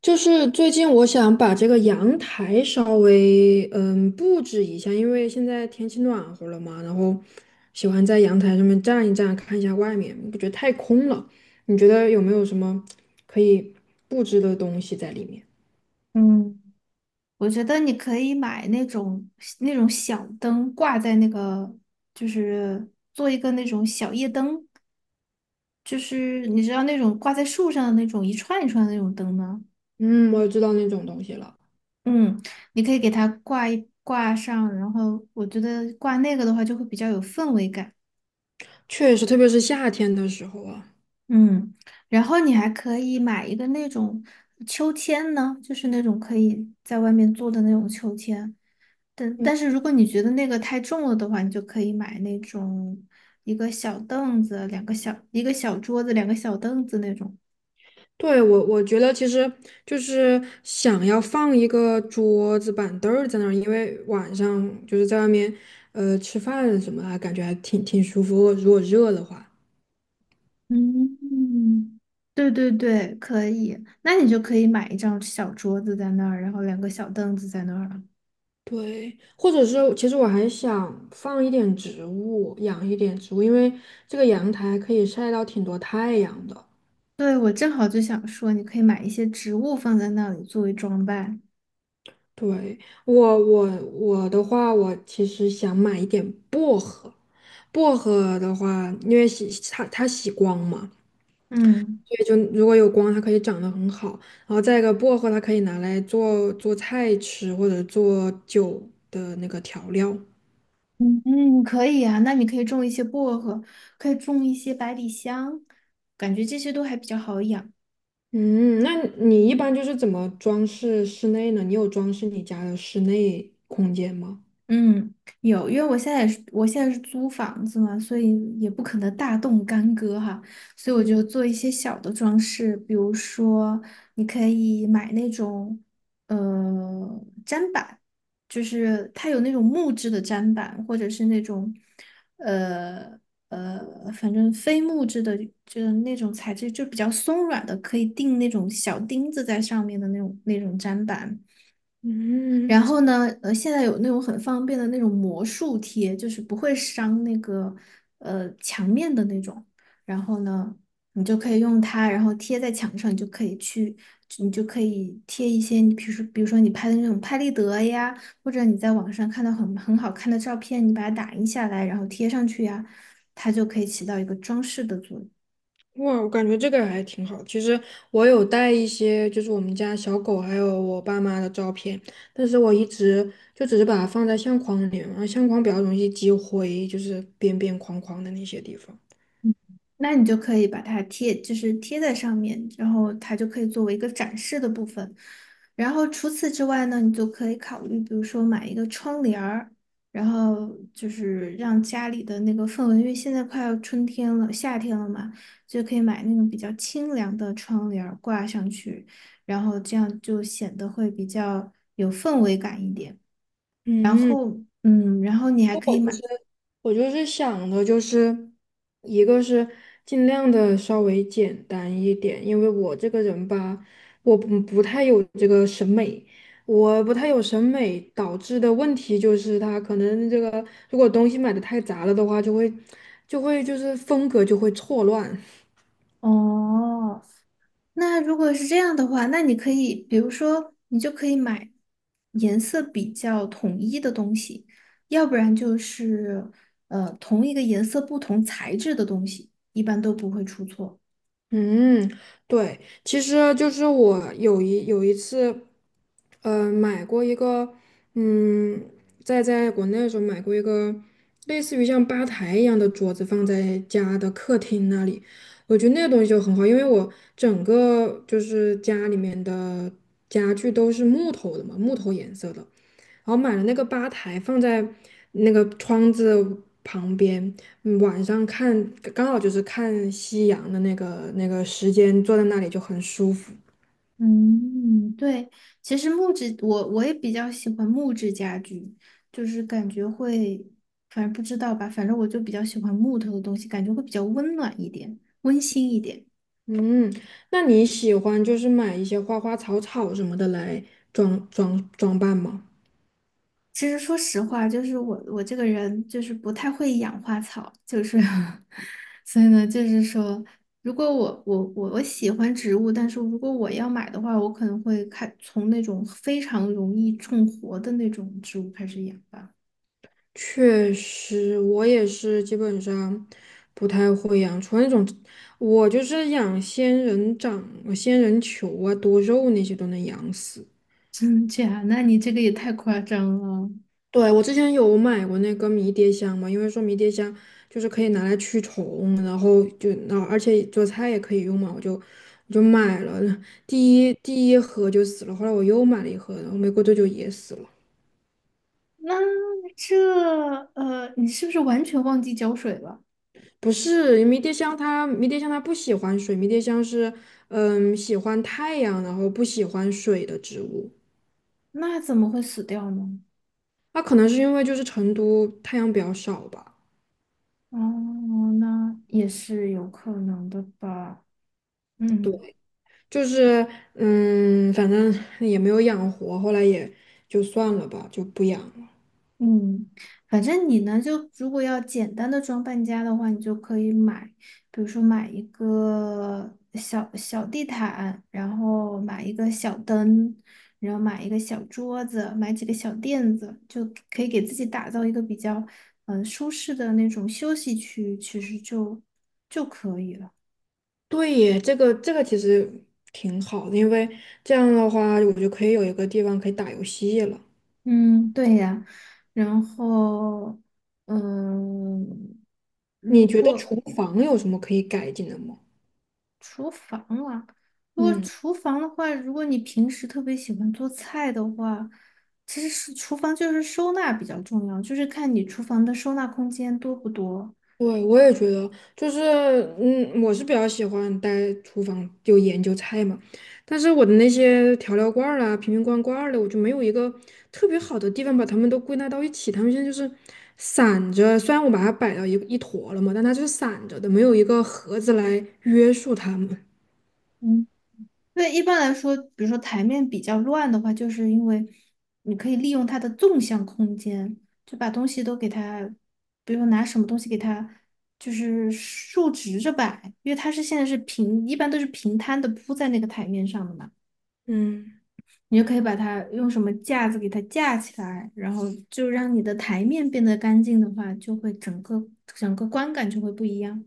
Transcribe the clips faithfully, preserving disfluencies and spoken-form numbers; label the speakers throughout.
Speaker 1: 就是最近我想把这个阳台稍微嗯布置一下，因为现在天气暖和了嘛，然后喜欢在阳台上面站一站，看一下外面，我觉得太空了。你觉得有没有什么可以布置的东西在里面？
Speaker 2: 嗯，我觉得你可以买那种那种小灯，挂在那个，就是做一个那种小夜灯，就是你知道那种挂在树上的那种一串一串的那种灯吗？
Speaker 1: 嗯，我也知道那种东西了。
Speaker 2: 嗯，你可以给它挂一挂上，然后我觉得挂那个的话就会比较有氛围感。
Speaker 1: 确实，特别是夏天的时候啊。
Speaker 2: 嗯，然后你还可以买一个那种秋千呢，就是那种可以在外面做的那种秋千。但但是如果你觉得那个太重了的话，你就可以买那种一个小凳子、两个小一个小桌子、两个小凳子那种。
Speaker 1: 对，我我觉得其实就是想要放一个桌子板凳儿在那儿，因为晚上就是在外面，呃，吃饭什么的，感觉还挺挺舒服。如果热的话，
Speaker 2: 嗯，对对对，可以。那你就可以买一张小桌子在那儿，然后两个小凳子在那儿了。
Speaker 1: 对，或者是其实我还想放一点植物，养一点植物，因为这个阳台可以晒到挺多太阳的。
Speaker 2: 对，我正好就想说，你可以买一些植物放在那里作为装扮。
Speaker 1: 对，我我我的话，我其实想买一点薄荷。薄荷的话，因为喜它它喜光嘛。
Speaker 2: 嗯
Speaker 1: 对，就如果有光，它可以长得很好。然后再一个，薄荷它可以拿来做做菜吃，或者做酒的那个调料。
Speaker 2: 嗯，嗯，可以啊。那你可以种一些薄荷，可以种一些百里香，感觉这些都还比较好养。
Speaker 1: 嗯，那你一般就是怎么装饰室内呢？你有装饰你家的室内空间吗？
Speaker 2: 嗯，有，因为我现在也是，我现在是租房子嘛，所以也不可能大动干戈哈，所以我
Speaker 1: 嗯
Speaker 2: 就做一些小的装饰，比如说你可以买那种呃砧板，就是它有那种木质的砧板，或者是那种呃呃，反正非木质的，就是那种材质就比较松软的，可以钉那种小钉子在上面的那种那种砧板。
Speaker 1: 嗯。
Speaker 2: 然后呢，呃，现在有那种很方便的那种魔术贴，就是不会伤那个呃墙面的那种。然后呢，你就可以用它，然后贴在墙上，你就可以去，你就可以贴一些你比如说，比如说你拍的那种拍立得呀，或者你在网上看到很很好看的照片，你把它打印下来，然后贴上去呀，它就可以起到一个装饰的作用。
Speaker 1: 哇，我感觉这个还挺好。其实我有带一些，就是我们家小狗还有我爸妈的照片，但是我一直就只是把它放在相框里面，然后相框比较容易积灰，就是边边框框的那些地方。
Speaker 2: 那你就可以把它贴，就是贴在上面，然后它就可以作为一个展示的部分。然后除此之外呢，你就可以考虑，比如说买一个窗帘儿，然后就是让家里的那个氛围，因为现在快要春天了，夏天了嘛，就可以买那种比较清凉的窗帘儿挂上去，然后这样就显得会比较有氛围感一点。然
Speaker 1: 嗯，
Speaker 2: 后，嗯，然后你还可以买。
Speaker 1: 我就是想的，就是一个是尽量的稍微简单一点，因为我这个人吧，我不不太有这个审美。我不太有审美导致的问题就是他可能这个如果东西买的太杂了的话，就会就会就是风格就会错乱。
Speaker 2: 哦，那如果是这样的话，那你可以，比如说，你就可以买颜色比较统一的东西，要不然就是呃同一个颜色不同材质的东西，一般都不会出错。
Speaker 1: 嗯，对，其实就是我有一有一次，呃，买过一个，嗯，在在国内的时候买过一个类似于像吧台一样的桌子，放在家的客厅那里，我觉得那个东西就很好，因为我整个就是家里面的家具都是木头的嘛，木头颜色的。然后买了那个吧台放在那个窗子旁边。嗯晚上看刚好就是看夕阳的那个那个时间，坐在那里就很舒服。
Speaker 2: 嗯，对，其实木质我我也比较喜欢木质家具，就是感觉会，反正不知道吧，反正我就比较喜欢木头的东西，感觉会比较温暖一点，温馨一点。
Speaker 1: 嗯，那你喜欢就是买一些花花草草什么的来装装装扮吗？
Speaker 2: 其实说实话，就是我我这个人就是不太会养花草，就是 所以呢，就是说，如果我我我我喜欢植物，但是如果我要买的话，我可能会开从那种非常容易种活的那种植物开始养吧。
Speaker 1: 确实，我也是基本上不太会养，除了那种，我就是养仙人掌、仙人球啊、多肉那些都能养死。
Speaker 2: 真假？那你这个也太夸张了。
Speaker 1: 对，我之前有买过那个迷迭香嘛，因为说迷迭香就是可以拿来驱虫，然后就那而且做菜也可以用嘛，我就我就买了，第一第一盒就死了，后来我又买了一盒，然后没过多久也死了。
Speaker 2: 那这呃，你是不是完全忘记浇水了？
Speaker 1: 不是迷迭香它，迷迭香它不喜欢水，迷迭香是嗯喜欢太阳，然后不喜欢水的植物。
Speaker 2: 那怎么会死掉呢？
Speaker 1: 那可能是因为就是成都太阳比较少吧。
Speaker 2: 哦，那也是有可能的吧。嗯。
Speaker 1: 就是嗯，反正也没有养活，后来也就算了吧，就不养了。
Speaker 2: 嗯，反正你呢，就如果要简单的装扮家的话，你就可以买，比如说买一个小小地毯，然后买一个小灯，然后买一个小桌子，买几个小垫子，就可以给自己打造一个比较嗯、呃舒适的那种休息区，其实就就可以了。
Speaker 1: 对耶，这个这个其实挺好的，因为这样的话，我就可以有一个地方可以打游戏了。
Speaker 2: 嗯，对呀，然后嗯。如
Speaker 1: 你觉得
Speaker 2: 果
Speaker 1: 厨房有什么可以改进的吗？
Speaker 2: 厨房啊，如果
Speaker 1: 嗯。
Speaker 2: 厨房的话，如果你平时特别喜欢做菜的话，其实是厨房就是收纳比较重要，就是看你厨房的收纳空间多不多。
Speaker 1: 对，我也觉得，就是，嗯，我是比较喜欢待厨房就研究菜嘛，但是我的那些调料罐儿啦、瓶瓶罐罐儿的，我就没有一个特别好的地方把它们都归纳到一起。它们现在就是散着，虽然我把它摆到一一坨了嘛，但它就是散着的，没有一个盒子来约束它们。
Speaker 2: 嗯，对，一般来说，比如说台面比较乱的话，就是因为你可以利用它的纵向空间，就把东西都给它，比如说拿什么东西给它，就是竖直着摆，因为它是现在是平，一般都是平摊的铺在那个台面上的嘛。
Speaker 1: 嗯。
Speaker 2: 你就可以把它用什么架子给它架起来，然后就让你的台面变得干净的话，就会整个整个观感就会不一样。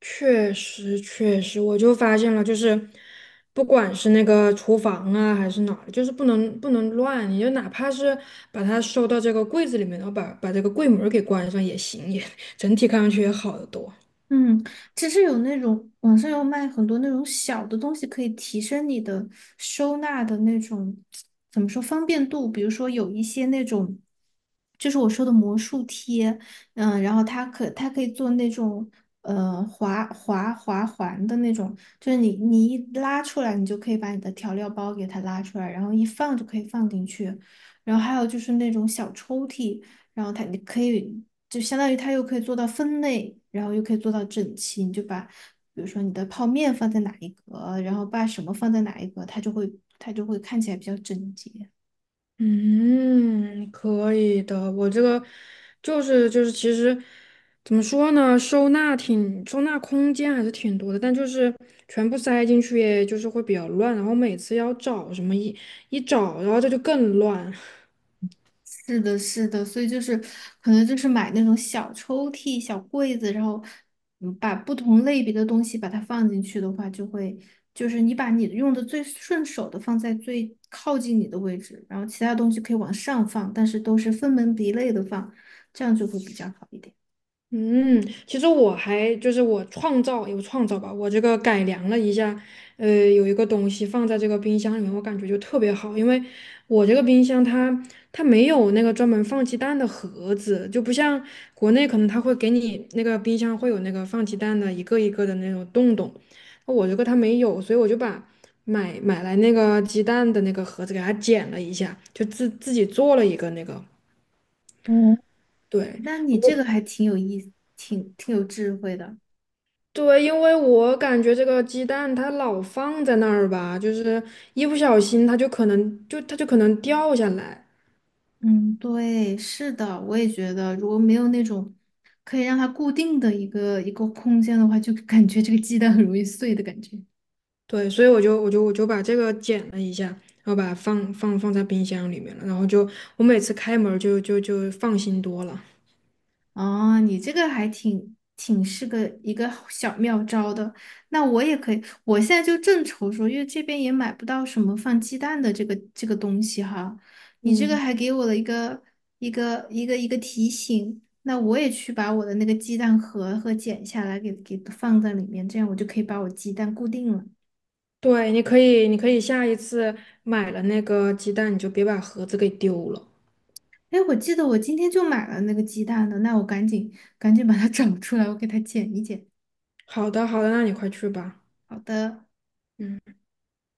Speaker 1: 确实，确实，我就发现了，就是不管是那个厨房啊，还是哪儿，就是不能不能乱，你就哪怕是把它收到这个柜子里面，然后把把这个柜门儿给关上也行，也整体看上去也好得多。
Speaker 2: 嗯，其实有那种网上有卖很多那种小的东西，可以提升你的收纳的那种，怎么说方便度？比如说有一些那种，就是我说的魔术贴，嗯，然后它可它可以做那种呃滑滑滑环的那种，就是你你一拉出来，你就可以把你的调料包给它拉出来，然后一放就可以放进去。然后还有就是那种小抽屉，然后它你可以。就相当于它又可以做到分类，然后又可以做到整齐。你就把，比如说你的泡面放在哪一格，然后把什么放在哪一格，它就会它就会看起来比较整洁。
Speaker 1: 嗯，可以的。我这个就是就是，其实怎么说呢，收纳挺收纳空间还是挺多的，但就是全部塞进去，也就是会比较乱，然后每次要找什么一一找，然后这就更乱。
Speaker 2: 是的，是的，所以就是可能就是买那种小抽屉、小柜子，然后嗯把不同类别的东西把它放进去的话，就会就是你把你用的最顺手的放在最靠近你的位置，然后其他东西可以往上放，但是都是分门别类的放，这样就会比较好一点。
Speaker 1: 嗯，其实我还就是我创造有创造吧，我这个改良了一下，呃，有一个东西放在这个冰箱里面，我感觉就特别好，因为我这个冰箱它它没有那个专门放鸡蛋的盒子，就不像国内可能它会给你那个冰箱会有那个放鸡蛋的一个一个的那种洞洞，我这个它没有，所以我就把买买来那个鸡蛋的那个盒子给它剪了一下，就自自己做了一个那个，
Speaker 2: 嗯。
Speaker 1: 对。
Speaker 2: 那你这个还挺有意挺挺有智慧的。
Speaker 1: 对，因为我感觉这个鸡蛋它老放在那儿吧，就是一不小心它就可能就它就可能掉下来。
Speaker 2: 嗯，对，是的，我也觉得，如果没有那种可以让它固定的一个一个空间的话，就感觉这个鸡蛋很容易碎的感觉。
Speaker 1: 对，所以我就我就我就把这个剪了一下，然后把它放放放在冰箱里面了，然后就我每次开门儿就就就放心多了。
Speaker 2: 哦，你这个还挺挺是个一个小妙招的。那我也可以，我现在就正愁说，因为这边也买不到什么放鸡蛋的这个这个东西哈。你这个
Speaker 1: 嗯，
Speaker 2: 还给我了一个一个一个一个提醒，那我也去把我的那个鸡蛋盒和剪下来给给放在里面，这样我就可以把我鸡蛋固定了。
Speaker 1: 对，你可以你可以下一次买了那个鸡蛋，你就别把盒子给丢了。
Speaker 2: 哎，我记得我今天就买了那个鸡蛋的，那我赶紧赶紧把它 找出来，我给它剪一剪。
Speaker 1: 好的好的，那你快去吧。
Speaker 2: 好的。
Speaker 1: 嗯。